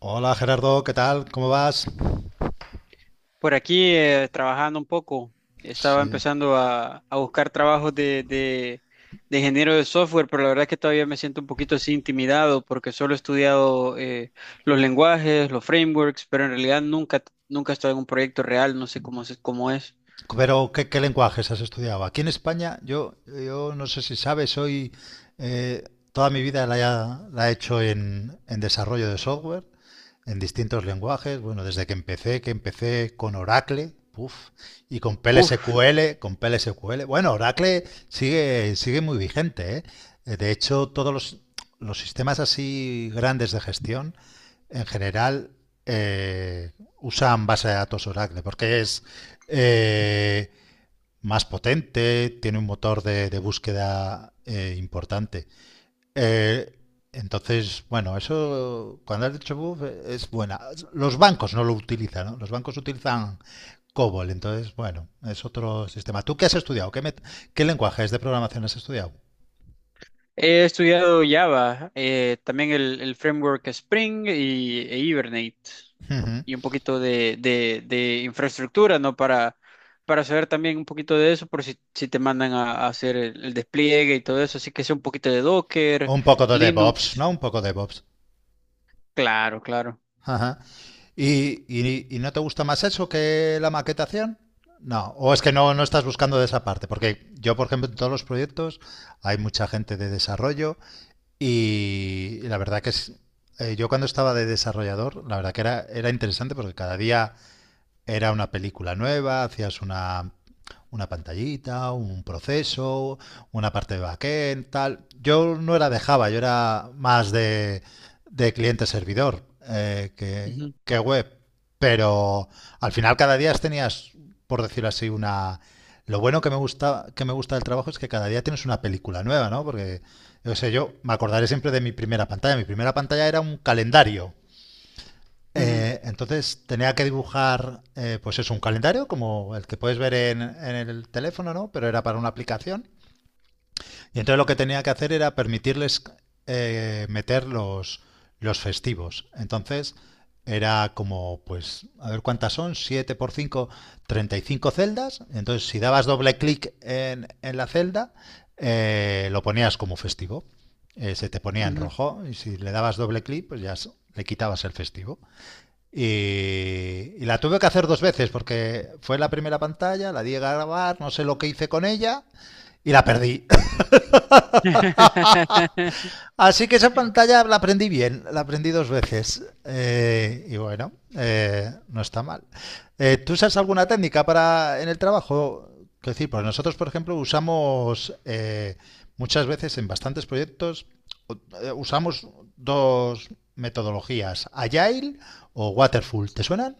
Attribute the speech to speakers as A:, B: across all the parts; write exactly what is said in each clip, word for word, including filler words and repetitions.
A: Hola Gerardo, ¿qué tal? ¿Cómo vas?
B: Por aquí eh, trabajando un poco, estaba
A: Sí.
B: empezando a, a buscar trabajos de, de, de ingeniero de software, pero la verdad es que todavía me siento un poquito así intimidado porque solo he estudiado eh, los lenguajes, los frameworks, pero en realidad nunca, nunca he estado en un proyecto real, no sé cómo, se- cómo es.
A: Pero, ¿qué, qué lenguajes has estudiado? Aquí en España, yo, yo no sé si sabes, soy, eh, toda mi vida la, la he hecho en, en desarrollo de software, en distintos lenguajes. Bueno, desde que empecé, que empecé con Oracle, puf, y con
B: Uf.
A: P L S Q L, con P L S Q L. bueno, Oracle sigue, sigue muy vigente. ¿Eh? Eh, De hecho, todos los, los sistemas así grandes de gestión, en general, eh, usan base de datos Oracle, porque es eh, más potente, tiene un motor de, de búsqueda, eh, importante. Eh, entonces, bueno, eso, cuando has dicho buff, eh, es buena. Los bancos no lo utilizan, ¿no? Los bancos utilizan COBOL, entonces, bueno, es otro sistema. ¿Tú qué has estudiado? ¿Qué, met- qué lenguajes de programación has estudiado?
B: He estudiado Java, eh, también el, el framework Spring y, e Hibernate
A: Ujú.
B: y un poquito de, de- de infraestructura, ¿no? Para, para saber también un poquito de eso, por si, si te mandan a, a hacer el, el despliegue y todo eso. Así que sé un poquito de Docker,
A: Un poco de DevOps, ¿no?
B: Linux.
A: Un poco de DevOps.
B: Claro, claro.
A: Ajá. ¿Y, y- y no te gusta más eso que la maquetación? No, o es que no, no estás buscando de esa parte, porque yo, por ejemplo, en todos los proyectos hay mucha gente de desarrollo y la verdad que es, eh, yo cuando estaba de desarrollador, la verdad que era, era interesante porque cada día era una película nueva, hacías una, una pantallita, un proceso, una parte de backend, tal. Yo no era de Java, yo era más de, de cliente-servidor, eh, que,
B: Ujú,
A: que web. Pero al final cada día tenías, por decirlo así, una... Lo bueno que me gusta, que me gusta del trabajo es que cada día tienes una película nueva, ¿no? Porque, yo sé, yo me acordaré siempre de mi primera pantalla. Mi primera pantalla era un calendario,
B: ujú,
A: eh, entonces tenía que dibujar, eh, pues es un calendario como el que puedes ver en, en el teléfono, ¿no? Pero era para una aplicación. Y entonces lo que tenía que hacer era permitirles, eh, meter los, los festivos. Entonces era como, pues, a ver cuántas son, siete por cinco, treinta y cinco celdas. Entonces si dabas doble clic en, en la celda, eh, lo ponías como festivo. Eh, se te ponía en
B: ujú.
A: rojo y si le dabas doble clic, pues ya le quitabas el festivo. Y, y la tuve que hacer dos veces porque fue la primera pantalla, la di a grabar, no sé lo que hice con ella y la perdí. Así que esa pantalla la aprendí bien, la aprendí dos veces. Eh, y bueno, eh, no está mal. Eh, ¿Tú usas alguna técnica para en el trabajo? Quiero decir, pues nosotros, por ejemplo, usamos, eh, muchas veces en bastantes proyectos, eh, usamos dos metodologías, Agile o Waterfall. ¿Te suenan?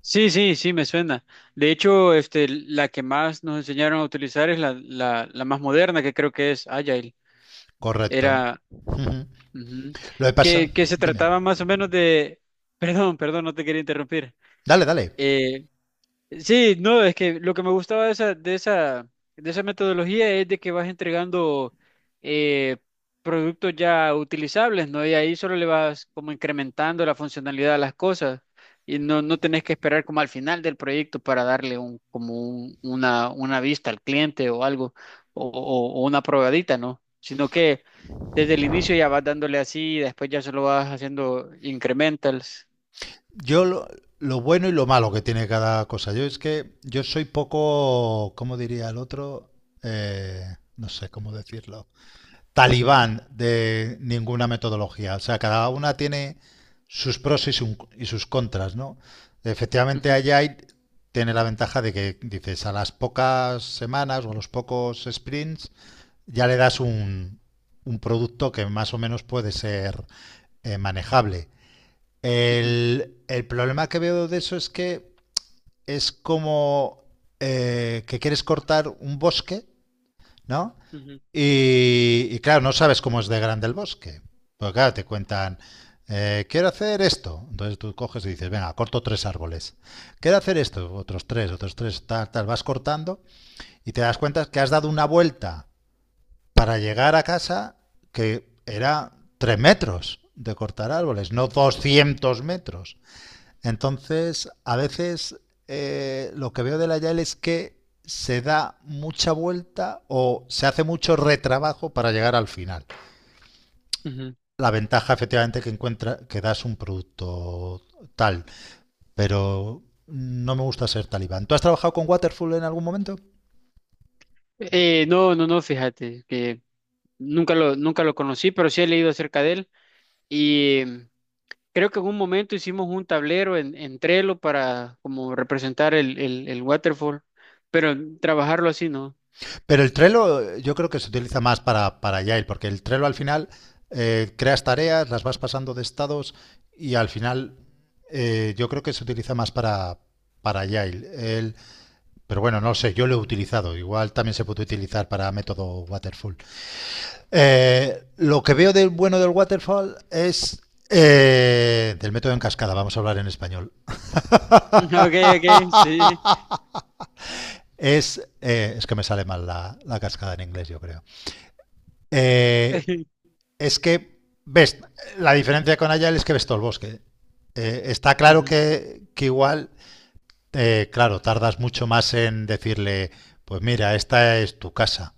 B: Sí, sí, sí, me suena. De hecho, este, la que más nos enseñaron a utilizar es la, la, la más moderna, que creo que es Agile.
A: Correcto.
B: Era.
A: Ujú.
B: Ujú.
A: Lo que pasa,
B: Que, que se
A: dime.
B: trataba más o menos de... Perdón, perdón, no te quería interrumpir.
A: Dale, dale.
B: Eh, Sí, no, es que lo que me gustaba de esa, de esa, de esa metodología es de que vas entregando eh, productos ya utilizables, ¿no? Y ahí solo le vas como incrementando la funcionalidad a las cosas y no, no tenés que esperar como al final del proyecto para darle un, como un- una, una vista al cliente o algo, o, o- o una probadita, ¿no? Sino que desde el inicio ya vas dándole así y después ya solo vas haciendo incrementals.
A: Yo lo, lo bueno y lo malo que tiene cada cosa. Yo es que yo soy poco, ¿cómo diría el otro? Eh, no sé cómo decirlo. Talibán de ninguna metodología. O sea, cada una tiene sus pros y, su- y sus contras, ¿no? Efectivamente,
B: Ujú,
A: Agile tiene la ventaja de que dices a las pocas semanas o a los pocos sprints ya le das un, un producto que más o menos puede ser, eh, manejable.
B: ujú,
A: El, el, problema que veo de eso es que es como, eh, que quieres cortar un bosque, ¿no?
B: ujú,
A: Y, y, claro, no sabes cómo es de grande el bosque. Porque claro, te cuentan, eh, quiero hacer esto. Entonces tú coges y dices, venga, corto tres árboles. Quiero hacer esto, otros tres, otros tres, tal, tal. Vas cortando y te das cuenta que has dado una vuelta para llegar a casa, que era tres metros de cortar árboles, no doscientos metros. Entonces, a veces, eh, lo que veo de la Y A L es que se da mucha vuelta o se hace mucho retrabajo para llegar al final.
B: ujú.
A: La ventaja efectivamente que encuentra que das un producto tal, pero no me gusta ser talibán. ¿Tú has trabajado con Waterfall en algún momento?
B: Eh, no, no, no, fíjate, que nunca lo, nunca lo conocí, pero sí he leído acerca de él. Y mm, creo que en un momento hicimos un tablero en, en Trello para como representar el, el, el waterfall, pero trabajarlo así, ¿no?
A: Pero el Trello yo creo que se utiliza más para, para Agile, porque el Trello al final, eh, creas tareas, las vas pasando de estados y al final, eh, yo creo que se utiliza más para, para Agile. El- pero bueno, no sé, yo lo he utilizado. Igual también se puede utilizar para método Waterfall. Eh, lo que veo del bueno del Waterfall es, eh, del método en cascada, vamos a hablar en español.
B: Ok, ok, sí.
A: Es, eh, es que me sale mal la, la cascada en inglés, yo creo. Eh, es que ves, la diferencia con Agile es que ves todo el bosque. Eh, está claro
B: Ujú,
A: que, que, igual, eh, claro, tardas mucho más en decirle, pues mira, esta es tu casa.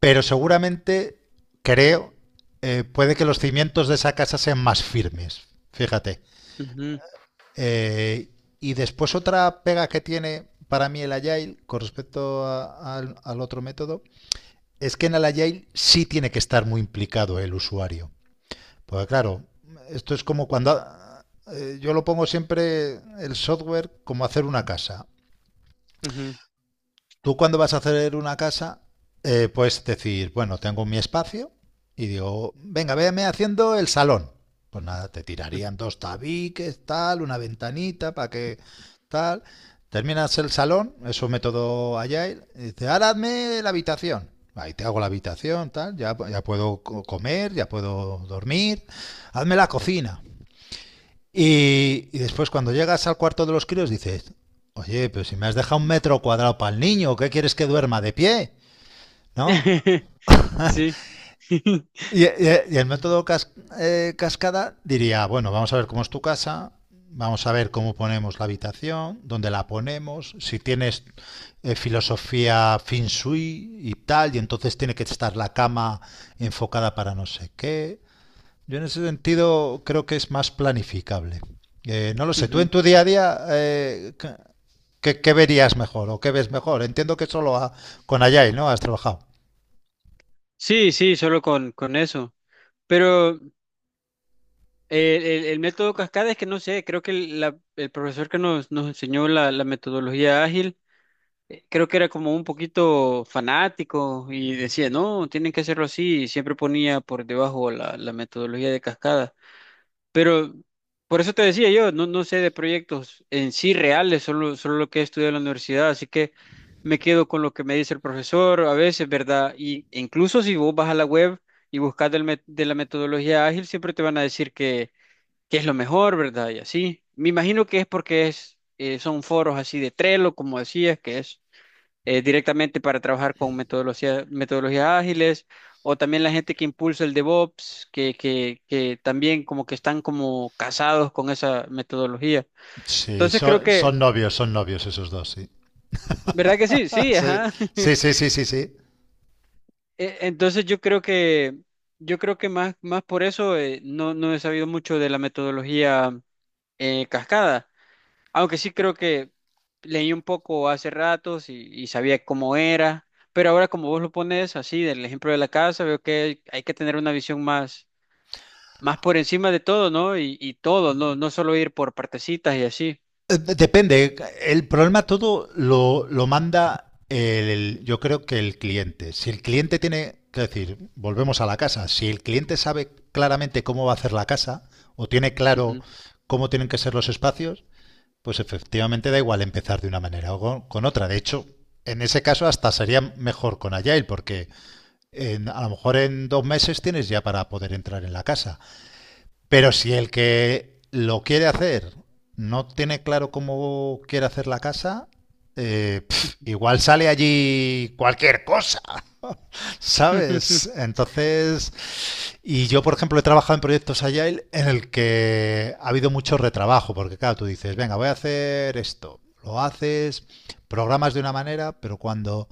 A: Pero seguramente, creo, eh, puede que los cimientos de esa casa sean más firmes. Fíjate.
B: ujú,
A: Eh, y después otra pega que tiene para mí el Agile con respecto a, a, al otro método es que en el Agile sí tiene que estar muy implicado el usuario. Pues claro, esto es como cuando ha- eh, yo lo pongo siempre el software como hacer una casa.
B: ujú,
A: Tú cuando vas a hacer una casa, eh, puedes decir, bueno, tengo mi espacio y digo, venga, véame haciendo el salón. Pues nada, te
B: ujú.
A: tirarían dos tabiques, tal, una ventanita para que tal. Terminas el salón, es un método Agile, y dice, ahora hazme la habitación. Ahí te hago la habitación, tal, ya, ya puedo co- comer, ya puedo dormir. Hazme la cocina. Y, y después cuando llegas al cuarto de los críos dices, oye, pero si me has dejado un metro cuadrado para el niño, ¿qué quieres que duerma de pie? ¿No?
B: Sí.
A: Y, y- y el método cas- eh, cascada diría, bueno, vamos a ver cómo es tu casa, vamos a ver cómo ponemos la habitación, dónde la ponemos, si tienes, eh, filosofía feng shui y tal, y entonces tiene que estar la cama enfocada para no sé qué. Yo en ese sentido creo que es más planificable. Eh, no lo sé, tú en
B: Ujú.
A: tu día a día, eh, ¿qué, qué verías mejor o qué ves mejor? Entiendo que solo a- con Ayay, ¿no? Has trabajado.
B: Sí, sí, solo con, con eso. Pero eh, el, el método cascada es que no sé, creo que el, la- el profesor que nos, nos enseñó la, la metodología ágil eh, creo que era como un poquito fanático y decía, no, tienen que hacerlo así, y siempre ponía por debajo la, la metodología de cascada. Pero por eso te decía yo, no, no sé de proyectos en sí reales, solo, solo lo que he estudiado en la universidad, así que me quedo con lo que me dice el profesor a veces, ¿verdad? Y e incluso si vos vas a la web y buscas del met- de la metodología ágil, siempre te van a decir que, que es lo mejor, ¿verdad? Y así. Me imagino que es porque es, eh, son foros así de Trello, como decías, que es eh, directamente para trabajar con metodología- metodologías ágiles, o también la gente que impulsa el DevOps, que, que, que también como que están como casados con esa metodología.
A: Sí,
B: Entonces creo
A: son,
B: que,
A: son novios, son novios esos dos, sí.
B: ¿verdad que sí? Sí,
A: Sí,
B: ajá.
A: sí, sí, sí, sí. Sí.
B: E- Entonces yo creo que, yo creo que más, más por eso eh, no, no he sabido mucho de la metodología eh, cascada. Aunque sí creo que leí un poco hace ratos y, y sabía cómo era, pero ahora como vos lo pones así, del ejemplo de la casa, veo que hay que tener una visión más, más por encima de todo, ¿no? Y, y todo, no, no solo ir por partecitas y así.
A: Eh, Depende. El problema todo lo, lo manda el, yo creo que el cliente. Si el cliente tiene, que decir, volvemos a la casa. Si el cliente sabe claramente cómo va a hacer la casa o tiene claro
B: Ujú.
A: cómo tienen que ser los espacios, pues efectivamente da igual empezar de una manera o con, con otra. De hecho, en ese caso hasta sería mejor con Agile porque en- a lo mejor en dos meses tienes ya para poder entrar en la casa. Pero si el que lo quiere hacer no tiene claro cómo quiere hacer la casa, eh, pf, igual sale allí cualquier cosa, ¿sabes? Entonces, y yo, por ejemplo, he trabajado en proyectos Agile en el que ha habido mucho retrabajo, porque claro, tú dices, venga, voy a hacer esto, lo haces, programas de una manera, pero cuando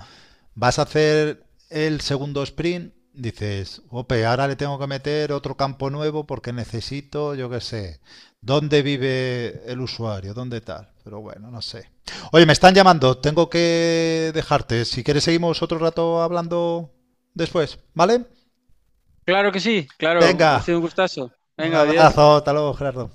A: vas a hacer el segundo sprint, dices, ope, ahora le tengo que meter otro campo nuevo porque necesito, yo qué sé, dónde vive el usuario, dónde tal. Pero bueno, no sé. Oye, me están llamando, tengo que dejarte. Si quieres, seguimos otro rato hablando después, ¿vale?
B: Claro que sí, claro, ha
A: Venga.
B: sido un gustazo.
A: Un
B: Venga, adiós.
A: abrazo, hasta luego, Gerardo.